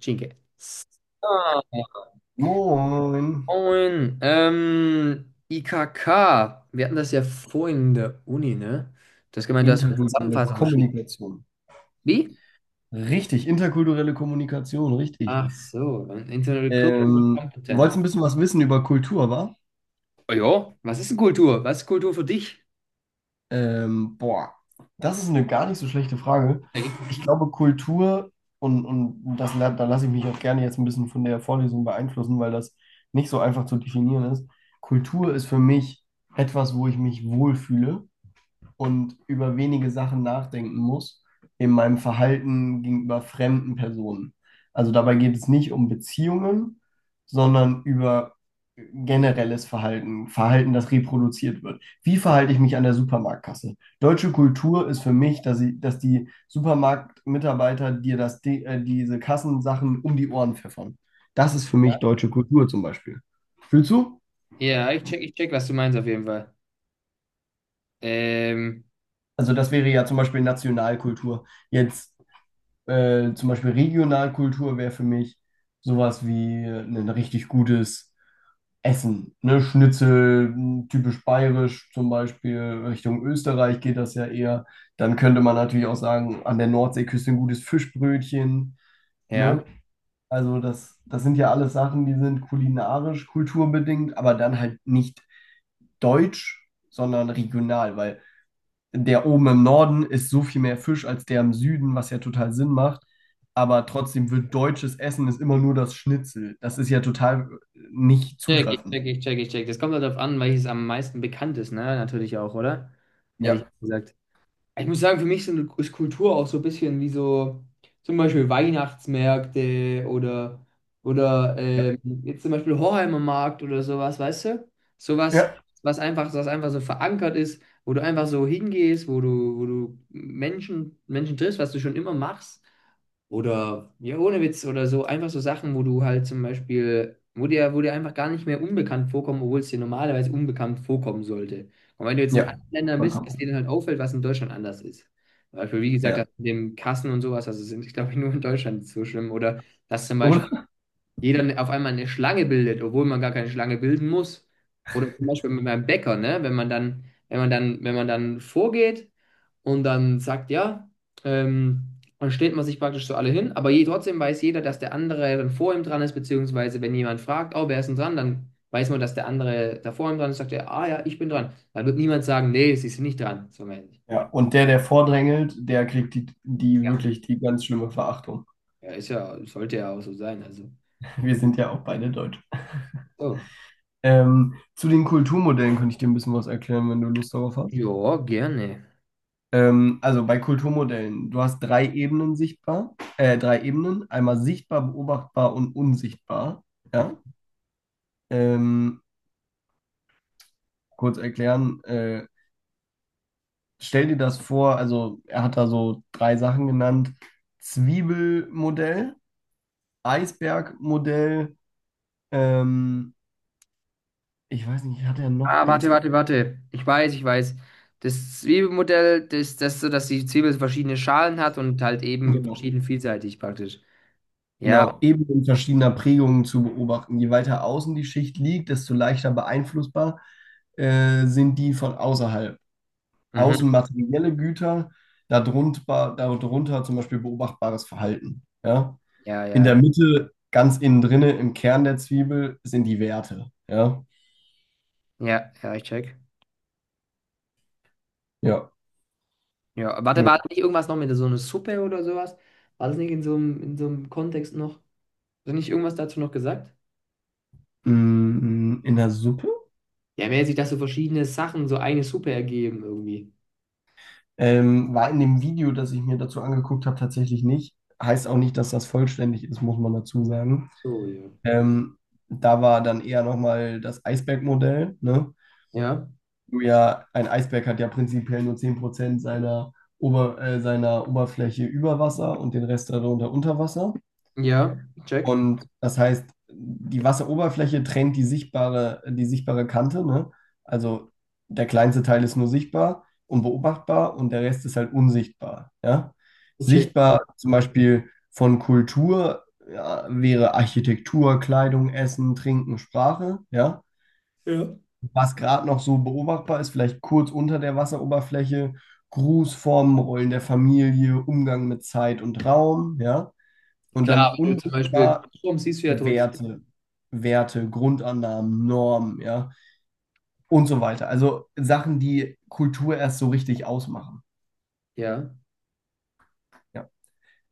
Cinque. Ah, Moin. moin. IKK. Wir hatten das ja vorhin in der Uni, ne? Du hast gemeint, du hast eine Interkulturelle Zusammenfassung geschrieben. Kommunikation. Wie? Richtig, interkulturelle Kommunikation, richtig. Ach so, ein Internal Cultural Competence. Wolltest ein bisschen was wissen über Kultur, wa? Oh ja, was ist denn Kultur? Was ist Kultur für dich? Ähm, boah, Das ist eine gar nicht so schlechte Frage. Ja, Ich richtig. glaube, Kultur, und das, da lasse ich mich auch gerne jetzt ein bisschen von der Vorlesung beeinflussen, weil das nicht so einfach zu definieren ist. Kultur ist für mich etwas, wo ich mich wohlfühle und über wenige Sachen nachdenken muss in meinem Verhalten gegenüber fremden Personen. Also dabei geht es nicht um Beziehungen, sondern über generelles Verhalten, das reproduziert wird. Wie verhalte ich mich an der Supermarktkasse? Deutsche Kultur ist für mich, dass die Supermarktmitarbeiter dir diese Kassensachen um die Ohren pfeffern. Das ist für Ja, mich deutsche Kultur zum Beispiel. Fühlst du? Ja, ich check, was du meinst auf jeden Fall. Ähm, Also das wäre ja zum Beispiel Nationalkultur. Jetzt zum Beispiel Regionalkultur wäre für mich sowas wie ein richtig gutes Essen. Ne? Schnitzel, typisch bayerisch zum Beispiel, Richtung Österreich geht das ja eher. Dann könnte man natürlich auch sagen, an der Nordseeküste ein gutes Fischbrötchen. Ne? Ja. Also das sind ja alles Sachen, die sind kulinarisch, kulturbedingt, aber dann halt nicht deutsch, sondern regional, weil der oben im Norden ist so viel mehr Fisch als der im Süden, was ja total Sinn macht. Aber trotzdem wird deutsches Essen ist immer nur das Schnitzel. Das ist ja total nicht check, ich zutreffend. check, ich check, ich check. Das kommt halt darauf an, welches am meisten bekannt ist, ne? Natürlich auch, oder? Hätte ich Ja. gesagt. Ich muss sagen, für ist Kultur auch so ein bisschen wie so zum Beispiel Weihnachtsmärkte oder Ja. Jetzt zum Beispiel Hoheimer Markt oder sowas, weißt du? Sowas, Ja. Was einfach so verankert ist, wo du einfach so hingehst, wo du Menschen triffst, was du schon immer machst. Oder, ja, ohne Witz oder so, einfach so Sachen, wo du halt zum Beispiel, wo dir einfach gar nicht mehr unbekannt vorkommen, obwohl es dir normalerweise unbekannt vorkommen sollte. Und wenn du jetzt in Ja. anderen Ländern bist, dass dir dann halt auffällt, was in Deutschland anders ist. Zum Beispiel, wie gesagt, Ja. das mit dem Kassen und sowas, glaube ich, nur in Deutschland so schlimm. Oder dass zum Beispiel Oder? jeder auf einmal eine Schlange bildet, obwohl man gar keine Schlange bilden muss. Oder zum Beispiel mit meinem Bäcker, ne? Wenn man dann vorgeht und dann sagt, ja, dann stellt man sich praktisch so alle hin, trotzdem weiß jeder, dass der andere dann vor ihm dran ist, beziehungsweise wenn jemand fragt, oh, wer ist denn dran, dann weiß man, dass der andere da vor ihm dran ist, sagt er, ah ja, ich bin dran. Dann wird niemand sagen, nee, sie sind nicht dran, so mäßig. Ja. Und der, der vordrängelt, der kriegt die, die Ja. wirklich die ganz schlimme Verachtung. Ja, ist ja, sollte ja auch so sein, also. Wir sind ja auch beide Deutsch. So. Zu den Kulturmodellen könnte ich dir ein bisschen was erklären, wenn du Lust darauf hast. Ja, gerne. Also bei Kulturmodellen, du hast drei Ebenen, einmal sichtbar, beobachtbar und unsichtbar. Ja? Ähm, kurz erklären, stell dir das vor, also er hat da so drei Sachen genannt: Zwiebelmodell, Eisbergmodell, ähm, ich weiß nicht, hat er noch Ah, eins? Warte. Ich weiß. Das Zwiebelmodell, das, ist das so, dass die Zwiebel verschiedene Schalen hat und halt eben Genau. verschieden vielseitig praktisch. Ja, Genau, Ebenen verschiedener Prägungen zu beobachten. Je weiter außen die Schicht liegt, desto leichter beeinflussbar sind die von außerhalb. mhm. Außen materielle Güter, darunter zum Beispiel beobachtbares Verhalten. Ja? Ja, In ja. der Mitte, ganz innen drinne, im Kern der Zwiebel sind die Werte. Ja, Ja, ja, ich check. ja. Ja, warte, war Ja. das nicht irgendwas noch mit so einer Suppe oder sowas? War das nicht in so einem, in so einem Kontext noch? Hast du nicht irgendwas dazu noch gesagt? In der Suppe Ja, mäßig, dass so verschiedene Sachen so eine Suppe ergeben irgendwie. War in dem Video, das ich mir dazu angeguckt habe, tatsächlich nicht. Heißt auch nicht, dass das vollständig ist, muss man dazu sagen. So, ja. Ähm, Da war dann eher nochmal das Eisbergmodell, ne? Ja, Du ja, ein Eisberg hat ja prinzipiell nur 10% seiner Oberfläche über Wasser und den Rest darunter unter Wasser. ja, ich check. Und das heißt, die Wasseroberfläche trennt die sichtbare Kante, ne? Also der kleinste Teil ist nur sichtbar und beobachtbar und der Rest ist halt unsichtbar, ja? Ich check. Sichtbar Check. zum Beispiel von Kultur, ja, wäre Architektur, Kleidung, Essen, Trinken, Sprache, ja? Ja. Was gerade noch so beobachtbar ist, vielleicht kurz unter der Wasseroberfläche, Grußformen, Rollen der Familie, Umgang mit Zeit und Raum, ja. Und dann Klar, wenn du zum Beispiel unsichtbar Kirschbaum siehst du ja trotzdem. Werte, Werte, Grundannahmen, Normen, ja, und so weiter. Also Sachen, die Kultur erst so richtig ausmachen. Ja. Ja.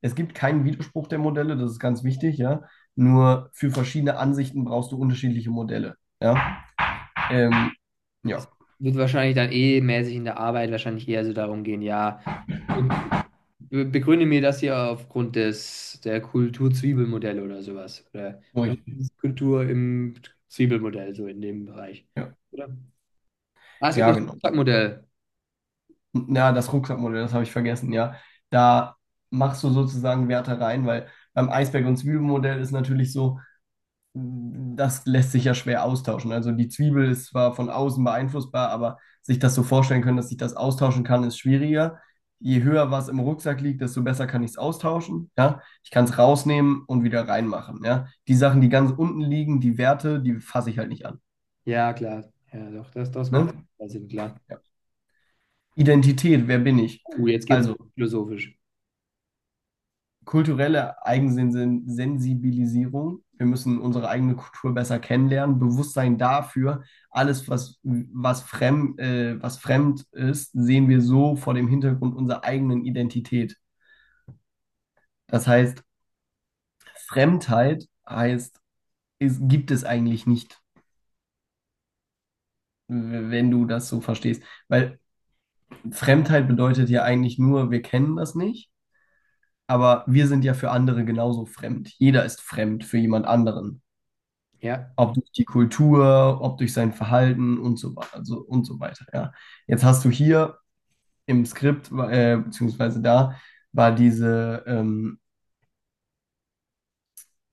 Es gibt keinen Widerspruch der Modelle, das ist ganz wichtig, ja. Nur für verschiedene Ansichten brauchst du unterschiedliche Modelle. Ja, ähm, Es ja, wird wahrscheinlich dann eh mäßig in der Arbeit wahrscheinlich eher so darum gehen, ja, be- begründe mir das hier aufgrund des der Kultur-Zwiebelmodelle oder sowas. Oder so richtig. Kultur im Zwiebelmodell, so in dem Bereich. Ja, Oder? Ah, es gibt ja noch das genau. Stockmodell. Ja, das Rucksackmodell, das habe ich vergessen, ja. Da machst du sozusagen Werte rein, weil beim Eisberg- und Zwiebelmodell ist natürlich so, das lässt sich ja schwer austauschen. Also die Zwiebel ist zwar von außen beeinflussbar, aber sich das so vorstellen können, dass ich das austauschen kann, ist schwieriger. Je höher was im Rucksack liegt, desto besser kann ich es austauschen. Ja? Ich kann es rausnehmen und wieder reinmachen. Ja? Die Sachen, die ganz unten liegen, die Werte, die fasse ich halt nicht an. Ja, klar. Ja, doch, das, das macht Ne? total Sinn, klar. Ja. Identität, wer bin ich? Mhm. Jetzt geht's Also, philosophisch. kulturelle Eigensensibilisierung. Wir müssen unsere eigene Kultur besser kennenlernen, Bewusstsein dafür, alles, was fremd ist, sehen wir so vor dem Hintergrund unserer eigenen Identität. Das heißt, Fremdheit heißt, es gibt es eigentlich nicht, wenn du das so verstehst. Weil Fremdheit bedeutet ja eigentlich nur, wir kennen das nicht, aber wir sind ja für andere genauso fremd. Jeder ist fremd für jemand anderen. Ja, Ob durch die Kultur, ob durch sein Verhalten und so, also, und so weiter, ja. Jetzt hast du hier im Skript, beziehungsweise da, war diese, ähm,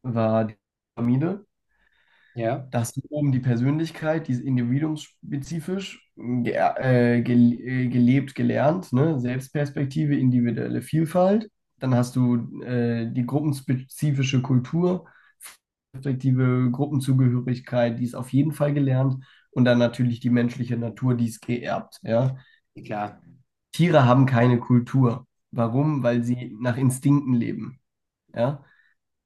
war die Pyramide. ja, Da hast du oben die Persönlichkeit, die ist individuumsspezifisch ge gel gelebt, gelernt, ne? Selbstperspektive, individuelle Vielfalt. Dann hast du die gruppenspezifische Kultur, respektive Gruppenzugehörigkeit, die ist auf jeden Fall gelernt. Und dann natürlich die menschliche Natur, die ist geerbt. Ja? klar. Tiere haben keine Kultur. Warum? Weil sie nach Instinkten leben. Ja?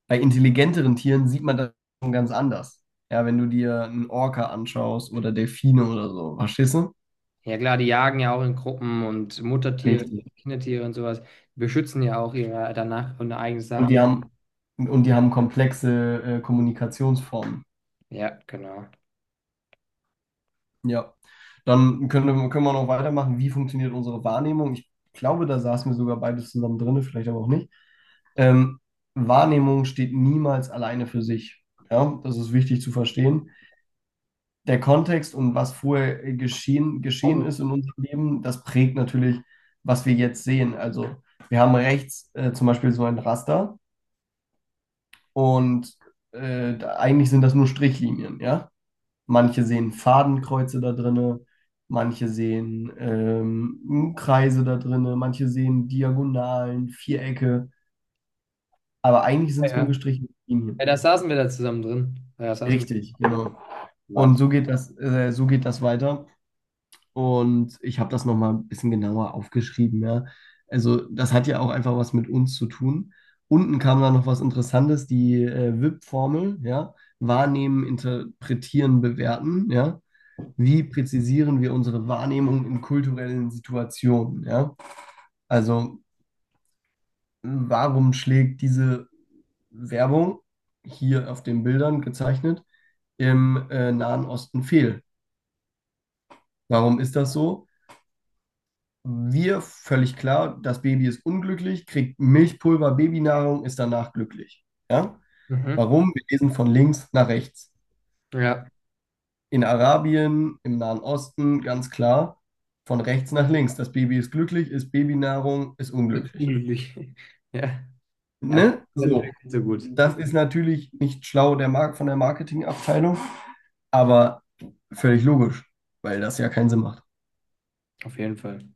Bei intelligenteren Tieren sieht man das schon ganz anders. Ja, wenn du dir einen Orca anschaust oder Delfine oder so, verstehst du? Ja, klar, die jagen ja auch in Gruppen und Muttertiere, Richtig. Kindertiere und sowas. Die beschützen ja auch ihre danach und eigene Und die Sachen. haben, und die haben komplexe Kommunikationsformen. Ja, genau. Ja. Dann können wir noch weitermachen. Wie funktioniert unsere Wahrnehmung? Ich glaube, da saßen wir sogar beides zusammen drin, vielleicht aber auch nicht. Ähm, Wahrnehmung steht niemals alleine für sich. Ja, das ist wichtig zu verstehen. Der Kontext und was vorher geschehen Oh. ist in unserem Leben, das prägt natürlich, was wir jetzt sehen. Also wir haben rechts zum Beispiel so ein Raster und eigentlich sind das nur Strichlinien, ja. Manche sehen Fadenkreuze da drinne, manche sehen Kreise da drinne, manche sehen Diagonalen, Vierecke, aber eigentlich sind es nur Ja, gestrichene ja, Linien. da saßen wir da zusammen drin. Ja, da saßen wir Richtig, zusammen drin. genau. Und Wahnsinn. so geht das weiter. Und ich habe das nochmal ein bisschen genauer aufgeschrieben, ja. Also das hat ja auch einfach was mit uns zu tun. Unten kam dann noch was Interessantes, die WIP-Formel, ja. Wahrnehmen, interpretieren, bewerten, ja. Wie präzisieren wir unsere Wahrnehmung in kulturellen Situationen, ja. Also warum schlägt diese Werbung hier auf den Bildern gezeichnet im Nahen Osten fehl? Warum ist das so? Wir, völlig klar, das Baby ist unglücklich, kriegt Milchpulver, Babynahrung, ist danach glücklich. Ja? Mhm. Warum? Wir lesen von links nach rechts. Ja, In Arabien, im Nahen Osten, ganz klar, von rechts nach links. Das Baby ist glücklich, ist Babynahrung, ist mit unglücklich. unglücklich. Ja, ja, das ist Ne? natürlich So. nicht so gut. Das ist natürlich nicht schlau der Mark von der Marketingabteilung, aber völlig logisch, weil das ja keinen Sinn macht. Auf jeden Fall. Und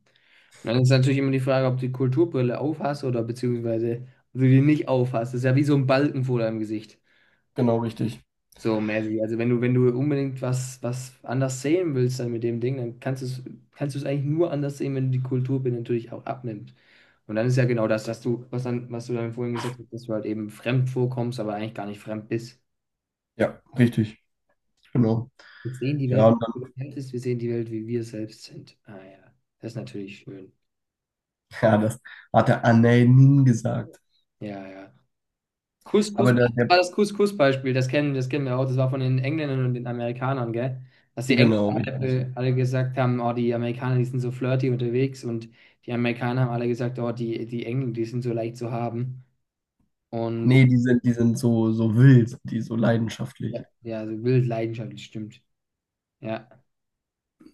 dann ist natürlich immer die Frage, ob du die Kulturbrille aufhast oder beziehungsweise ob du die nicht aufhast. Das ist ja wie so ein Balken vor deinem Gesicht. Genau, richtig. So mäßig. Also wenn du unbedingt was anders sehen willst dann mit dem Ding, dann kannst du es eigentlich nur anders sehen, wenn du die Kultur natürlich auch abnimmt. Und dann ist ja genau das, dass du, was du dann vorhin gesagt hast, dass du halt eben fremd vorkommst, aber eigentlich gar nicht fremd bist. Ja, richtig. Genau. Wir sehen die Welt Ja, nicht, wie sie ist, wir sehen die Welt, wie wir selbst sind. Ah ja, das ist natürlich schön. ja, das hat der Anelin gesagt. Ja, ja. Couscous, Aber das war das Couscous-Beispiel, das kennen wir auch, das war von den Engländern und den Amerikanern, gell? Dass die genau, Engländer richtig. Alle gesagt haben, oh, die Amerikaner, die sind so flirty unterwegs und die Amerikaner haben alle gesagt, oh, die Engländer, die sind so leicht zu haben und Nee, die sind so, so wild, die so leidenschaftlich. ja, ja, so wild leidenschaftlich, stimmt. Ja,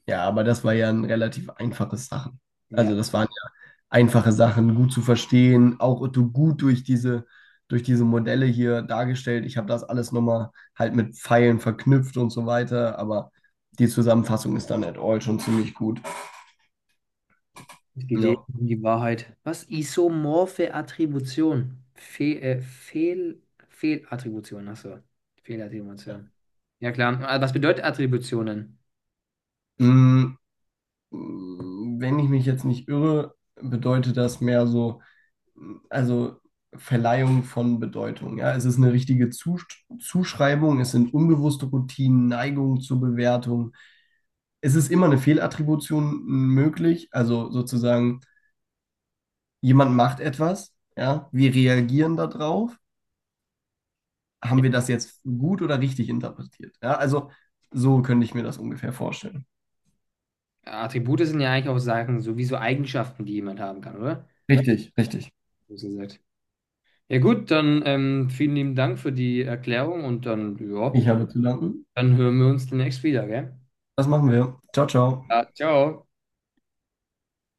Ja, aber das war ja ein relativ einfaches Sachen. Also ja, das waren ja einfache Sachen, gut zu verstehen, auch gut durch durch diese Modelle hier dargestellt. Ich habe das alles nochmal halt mit Pfeilen verknüpft und so weiter, aber die Zusammenfassung ist dann at all schon ziemlich gut. es geht eh Ja. um die Wahrheit. Was? Isomorphe Attribution? Fe Fehl Fehlattribution, achso, Fehlattribution. Ja klar, aber was bedeutet Attributionen? Mm, Wenn ich mich jetzt nicht irre, bedeutet das mehr so also Verleihung von Bedeutung. Ja, es ist eine richtige Zuschreibung, es sind unbewusste Routinen, Neigungen zur Bewertung. Es ist immer eine Fehlattribution möglich, also sozusagen, jemand macht etwas, ja, wir reagieren darauf. Haben wir das jetzt gut oder richtig interpretiert? Ja, also so könnte ich mir das ungefähr vorstellen. Attribute sind ja eigentlich auch Sachen, sowieso Eigenschaften, die jemand haben kann, oder? Richtig, richtig. So gesagt. Ja gut, dann vielen lieben Dank für die Erklärung und dann, ja, Ich habe zu danken. dann hören wir uns demnächst wieder, gell? Das machen wir. Ciao, ciao. Ja, ciao.